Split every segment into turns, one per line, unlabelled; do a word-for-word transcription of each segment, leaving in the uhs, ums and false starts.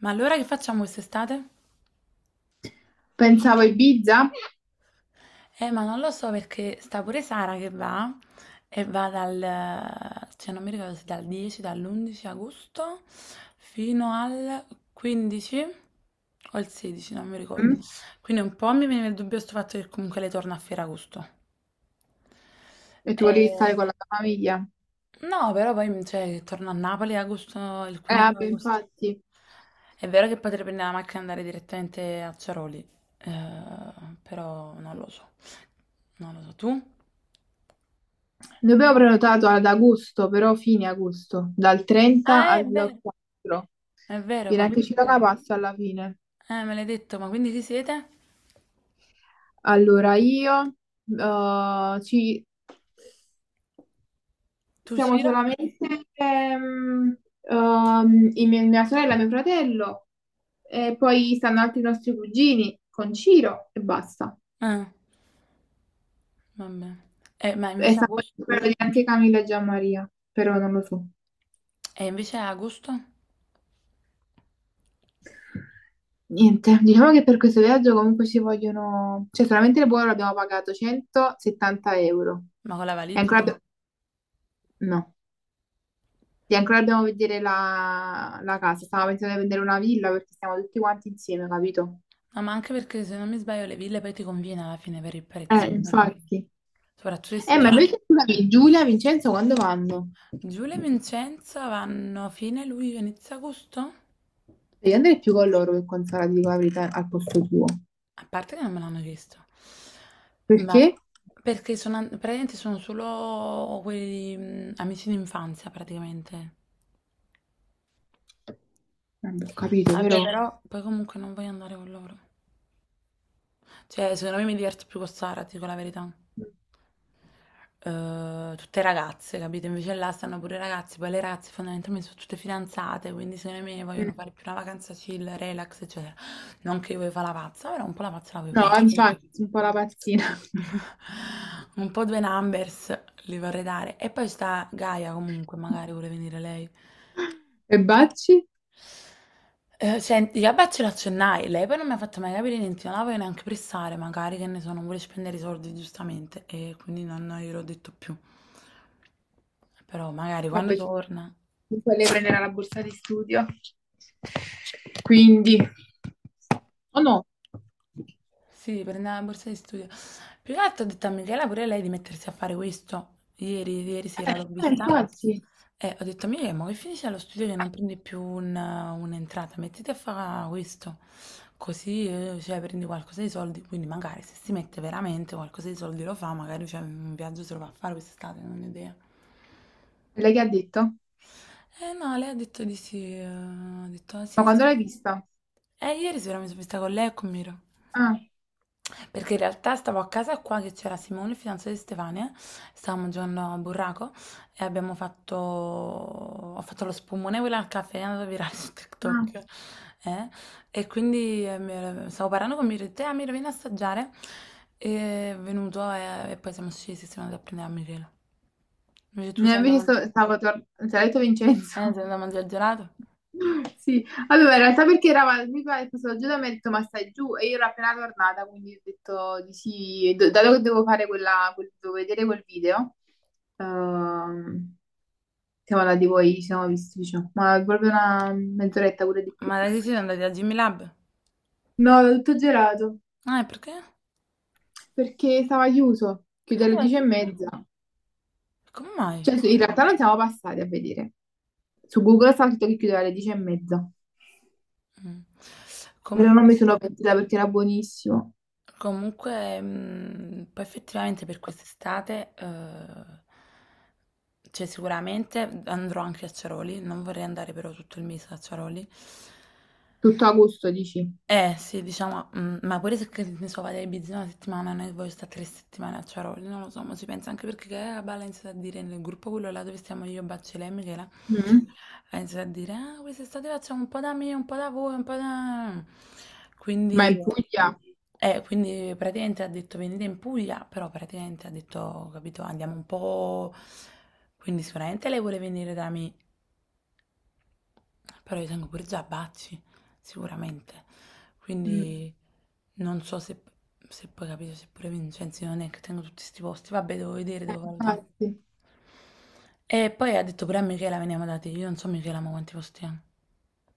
Ma allora che facciamo quest'estate?
Pensavo a Ibiza.
Eh, ma non lo so perché sta pure Sara che va e va dal, cioè non mi ricordo se dal dieci, dall'undici agosto fino al quindici o il sedici, non mi ricordo.
Mm?
Quindi un po' mi viene il dubbio sto fatto che comunque lei torna a Ferragosto.
E tu volevi stare
Eh,
con la tua famiglia.
No, però poi mhmm, cioè, torno a Napoli agosto, il
Eh,
quindici
vabbè,
agosto.
infatti.
È vero che potrei prendere la macchina e andare direttamente a Ciaroli, eh, però non lo so. Non lo so. Tu?
Noi abbiamo prenotato ad agosto, però fine agosto, dal trenta
Ah, è
al
vero.
quattro.
È vero,
Viene
ma
anche
quindi.
Ciroca passa alla fine.
Eh, me l'hai detto, ma quindi chi siete?
Allora, io eh, ci
Tu,
siamo
Cira?
solamente ehm, ehm, in mia, mia sorella e mio fratello, e poi stanno altri nostri cugini con Ciro e basta.
Eh, vabbè. Eh, ma
E
invece
stanno
agosto?
per di anche Camilla e Gianmaria, però non lo so.
E invece agosto?
Niente, diciamo che per questo viaggio comunque ci vogliono, cioè solamente il volo abbiamo pagato centosettanta euro.
Ma con la
E
valigia?
ancora. Ah, abbi- no, e ancora dobbiamo vedere la, la casa. Stavo pensando di vendere una villa perché stiamo tutti quanti insieme, capito?
No, ma anche perché se non mi sbaglio le ville poi ti conviene alla fine per il prezzo,
Eh, mm.
eh.
infatti.
Soprattutto se
Eh, ma
siete
certo.
tanti.
Invece, scusami, Giulia, Vincenzo, quando vanno?
Giulia e Vincenzo vanno fine luglio, inizio agosto?
Devi andare più con loro che con Sara, ti dico la verità, al posto tuo.
A parte che non me l'hanno chiesto, ma
Perché?
perché sono, an- praticamente sono solo quelli mm, amici d'infanzia praticamente.
Non ho capito,
Vabbè,
però.
però poi comunque non voglio andare con loro. Cioè, secondo me mi diverto più con Sara, ti dico la verità. Eh, tutte ragazze, capito? Invece là stanno pure i ragazzi, poi le ragazze fondamentalmente sono tutte fidanzate, quindi secondo me vogliono fare più una vacanza chill, relax, eccetera. Non che io voglio fare la pazza, però un po' la pazza la voglio
No,
fare. Sì.
infatti, sono un po' la pazzina.
Un po' due numbers li vorrei dare. E poi sta Gaia comunque, magari vuole venire lei.
E Bacci?
Eh, senti, vabbè, ce l'accennai. Lei poi non mi ha fatto mai capire niente, non la voglio neanche pressare, magari che ne so, non vuole spendere i soldi giustamente e quindi non gliel'ho detto più. Però magari quando
Vabbè, ci-
torna.
comunque lei prenderà la borsa di studio. Quindi, oh no.
Sì, prendeva la borsa di studio. Più che altro ho detto a Michela pure lei di mettersi a fare questo. Ieri, ieri sera l'ho
Eh,
vista.
infatti.
E ho detto a Michela, ma che finisce allo studio che non prendi più un- un'entrata, mettiti a fare questo. Così, eh, cioè, prendi qualcosa di soldi. Quindi magari se si mette veramente qualcosa di soldi lo fa, magari cioè, un viaggio se lo va a fare quest'estate, non ho idea.
E lei che ha detto?
Eh no, lei ha detto di sì. eh, Ha detto, "Ah,
Ma
sì,
quando l'hai
sì."
vista?
E ieri sera mi sono vista con lei e con Miro.
Ah,
Perché in realtà stavo a casa qua che c'era Simone, il fidanzato di Stefania, stavamo giocando a burraco e abbiamo fatto... ho fatto lo spumone quello al caffè, è andato virale su
ah.
TikTok. eh. E quindi eh, mi- stavo parlando con mio e ho detto, ah, Miro, vieni a assaggiare. E è venuto e, e poi siamo scesi, e siamo andati a prendere a Michele. Invece tu
No,
sei andato
invece
a, man-
sto- stavo tornando, se l'ha detto
eh,
Vincenzo.
sei andato a mangiare il gelato?
Sì, allora in realtà perché eravamo, mi pare, questo oggi da me ha detto ma stai giù e io ero appena tornata quindi ho detto di sì, e Do- dato che devo fare quella, quel- devo vedere quel video, ehm, siamo andati poi, ci siamo visti, diciamo, ma proprio una mezz'oretta pure di più.
Ma da che siete andati a Jimmy Lab?
No, l'ho tutto gelato
Ah, e perché?
perché stava chiuso, chiude
Ah,
alle dieci e
dove
mezza,
come mai?
cioè sì, in realtà non siamo passati a vedere, su Google stava scritto che chiudeva alle dieci e mezza,
Mm.
però non
Comunque.
mi sono pentita perché era buonissimo,
Comunque, mh, poi effettivamente per quest'estate, eh, cioè sicuramente andrò anche a Ciaroli, non vorrei andare però tutto il mese a Ciaroli,
tutto a gusto, dici.
eh sì, diciamo, mm, ma pure se che ne so, vado a Ibiza una settimana, non è che voglio stare tre settimane a Ciaroli, non lo so, ma si pensa anche perché che la balla ha iniziato a dire nel gruppo quello là dove stiamo io, Baccele e lei, Michela,
Mm?
ha iniziato a dire, ah, quest'estate facciamo un po' da me, un po' da voi, un po' da.
Ma
Quindi,
in Puglia?
eh, quindi praticamente ha detto venite in Puglia, però praticamente ha detto, capito, andiamo un po'. Quindi sicuramente lei vuole venire da me, però io tengo pure Giabacci, sicuramente.
Mm,
Quindi non so se, se poi capito, se pure Vincenzi non è che tengo tutti questi posti. Vabbè, devo vedere, devo valutare.
infatti.
E poi ha detto pure a Michela veniamo da te. Io non so Michela ma quanti posti ha.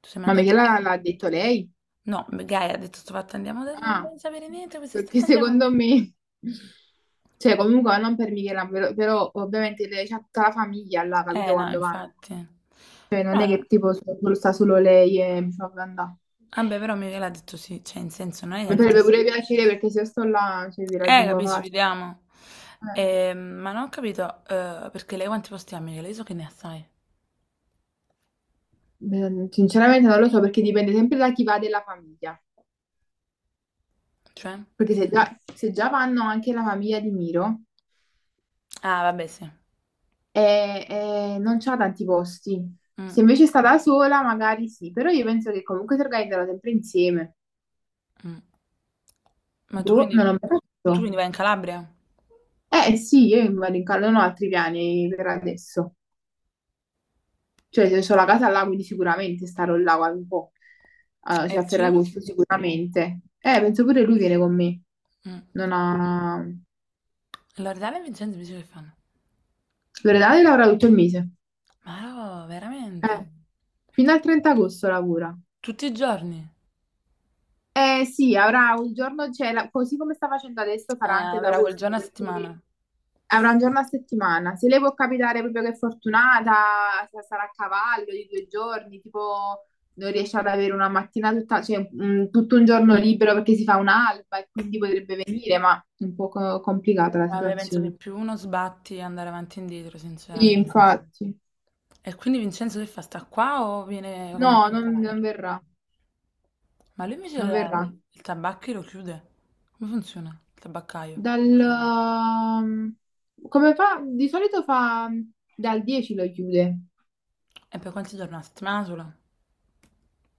Tu sei mai
Ma
andato?
Michela l'ha detto lei?
No, Gaia ha detto sto fatto andiamo da te, non
Ah,
voglio sapere niente,
perché
quest'estate andiamo.
secondo me, cioè comunque non per Michela, però, però ovviamente lei c'ha tutta la famiglia là,
Eh
capito
no,
quando vanno?
infatti.
Cioè non è
Però-
che tipo so, solo- sta solo lei e mi fa andare.
Vabbè, però Michela ha detto sì, cioè in senso non è che ha
Mi
detto
farebbe
sì.
pure piacere perché se io sto là, cioè, vi
Eh,
raggiungo
capisci,
facile.
vediamo. Ehm, ma non ho capito, eh, perché lei quanti posti ha, Michele? Io so che ne ha, sai.
Eh, Sinceramente non lo so perché dipende sempre da chi va della famiglia.
Cioè?
Perché se già, se già vanno anche la famiglia di Miro,
Ah, vabbè, sì.
e, e non c'ha tanti posti.
Mm,
Se invece sta da sola, magari sì, però io penso che comunque si organizzano sempre insieme.
mm. Ma tu
Boh,
quindi,
non l'ho mai
tu
fatto.
quindi vai in Calabria?
Eh sì, io vado in cal- non ho altri piani per adesso.
Mm.
Cioè, se ho la casa là, quindi sicuramente starò là qualche un po'. Ah,
E
cioè a
il giro?
Ferragosto sicuramente. Eh, penso pure lui viene con me.
Mm.
Non ha...
Loredana e Vincenzo mi dice che fanno.
Loredana lavora tutto il mese.
Ma no, veramente?
Eh, fino al trenta agosto lavora.
Tutti i giorni?
Eh sì, avrà un giorno, cioè, la- così come sta facendo adesso,
Eh,
farà anche da
avrà quel
agosto,
giorno a
perché
settimana.
avrà un giorno a settimana. Se lei può capitare proprio che è fortunata, sa- sarà a cavallo di due giorni, tipo non riesce ad avere una mattina tutta, cioè, un- tutto un giorno libero perché si fa un'alba e quindi potrebbe venire, ma è un po' co- complicata la
Vabbè, penso che
situazione.
più uno sbatti andare avanti e indietro,
Sì,
sinceramente.
infatti.
E quindi Vincenzo che fa? Sta qua o viene comunque
No,
in
non, non
Calabria?
verrà,
Ma lui invece
non
il,
verrà.
il tabacchi lo chiude? Come funziona il tabaccaio?
Dal... ehm, Come fa? Di solito fa dal dieci lo chiude.
E per quanti giorni? Una settimana sola?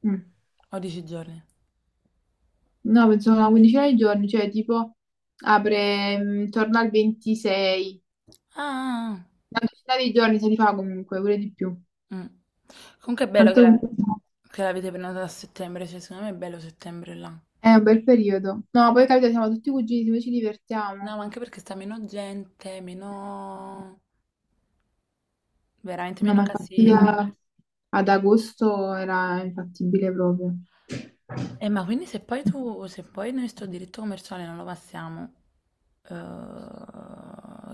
Mm.
O dieci giorni?
No, penso una quindicina di giorni, cioè tipo apre mm, intorno al ventisei.
Ah, ah, ah.
Una decina di giorni se li fa comunque, pure di più.
Mm. Comunque è bello che
Tanto
la-
comunque
che l'avete prenotata a settembre, cioè secondo me è bello settembre là.
è un bel periodo. No, poi capito, siamo tutti cugini, noi ci
No,
divertiamo.
ma anche perché sta meno gente, meno, veramente
No,
meno
ma infatti
casino.
a- ad agosto era infattibile proprio.
Eh, ma quindi se poi tu, se poi noi sto diritto commerciale non lo passiamo, eh,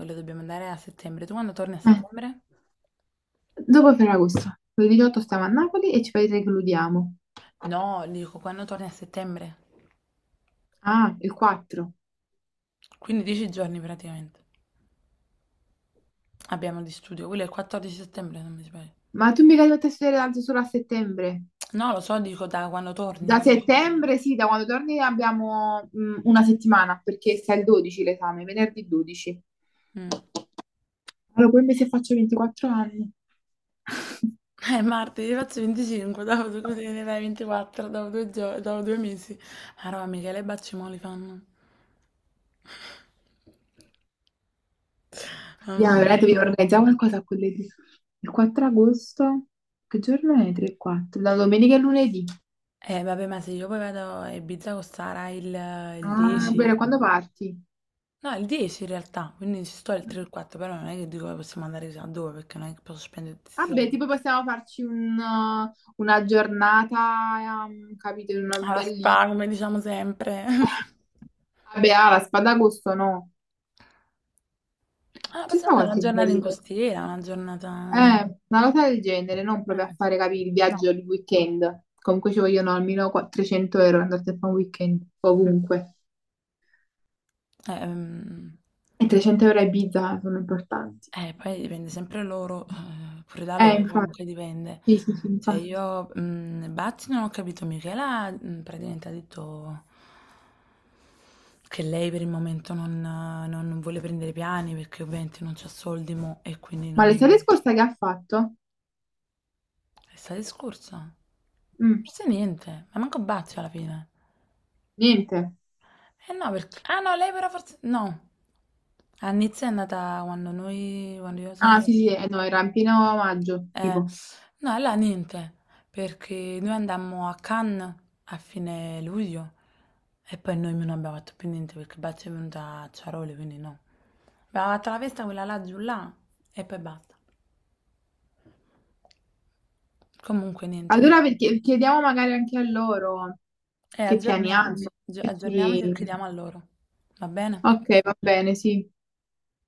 lo dobbiamo andare a settembre. Tu quando torni a
Eh,
settembre?
dopo Ferragosto, il diciotto stiamo a Napoli e ci precludiamo.
No, dico quando torni a settembre.
Ah, il quattro.
Quindi dieci giorni praticamente abbiamo di studio. Quello è il quattordici settembre, non mi sbaglio.
Ma tu mica dovresti studiare tanto solo a settembre.
No, lo so, dico da quando torni.
Da settembre, sì, da quando torni abbiamo mh, una settimana, perché sta il dodici l'esame, venerdì dodici.
Mm.
Allora, poi mi se faccio ventiquattro anni.
Eh, martedì faccio venticinque, dopo tu così ne fai ventiquattro, dopo due, gio- dopo due mesi. Ma roba, Michele Baccimoli fanno.
Ya,
Mamma
veramente
mia.
vi organizziamo qualcosa a quell'edì. Il quattro agosto, che giorno è? tre e quattro? Da domenica e lunedì.
Eh, vabbè, ma se io poi vado a Ibiza con Sara il, il
Ah, bene,
dieci.
quando parti?
No, il dieci in realtà, quindi ci sto il tre e il quattro, però non è che dico che possiamo andare chissà dove, perché non è che posso spendere tutti i
Vabbè,
soldi.
tipo possiamo farci un, uh, una giornata, um, capito, in una
Alla
bellissima.
spa, come diciamo sempre.
Vabbè, ah, la spada a gusto no.
Ah,
Ci sta
possiamo andare una
qualche
giornata in
bello.
costiera, una giornata.
Eh, una cosa del genere, non proprio a
Eh, sì.
fare, capire il
No.
viaggio di weekend. Comunque ci vogliono almeno qua- trecento euro andate a fare un weekend,
Mm.
ovunque.
Eh, ehm,
E trecento euro a Ibiza sono importanti.
eh, poi dipende sempre loro, eh, pure da
Eh,
loro,
infatti,
comunque dipende.
sì, sì, sì,
Cioè
infatti.
io, mm, Batti non ho capito, Michela mm, praticamente ha detto che lei per il momento non, non vuole prendere piani perché ovviamente non c'ha soldi mo e quindi
Ma l'estate
non.
scorsa che ha fatto?
L'estate scorsa?
Mm,
Forse niente, ma manco Bazzi alla fine.
niente.
Eh no, perché. Ah no, lei però forse. No. A Nizza è andata quando noi, quando io sono
Ah,
andata.
sì, sì, eh, no, era in pieno maggio,
Eh,
tipo.
no, là niente, perché noi andammo a Cannes a fine luglio e poi noi non abbiamo fatto più niente perché Bazzi è venuta a Ciaroli, quindi no. Abbiamo fatto la festa quella là giù là e poi basta. Comunque niente.
Allora perché- chiediamo magari anche a loro
E
che piani
aggiorniamoci,
hanno.
aggi-
E
aggiorniamoci e
ci...
chiediamo a loro. Va bene?
Ok, va bene, sì.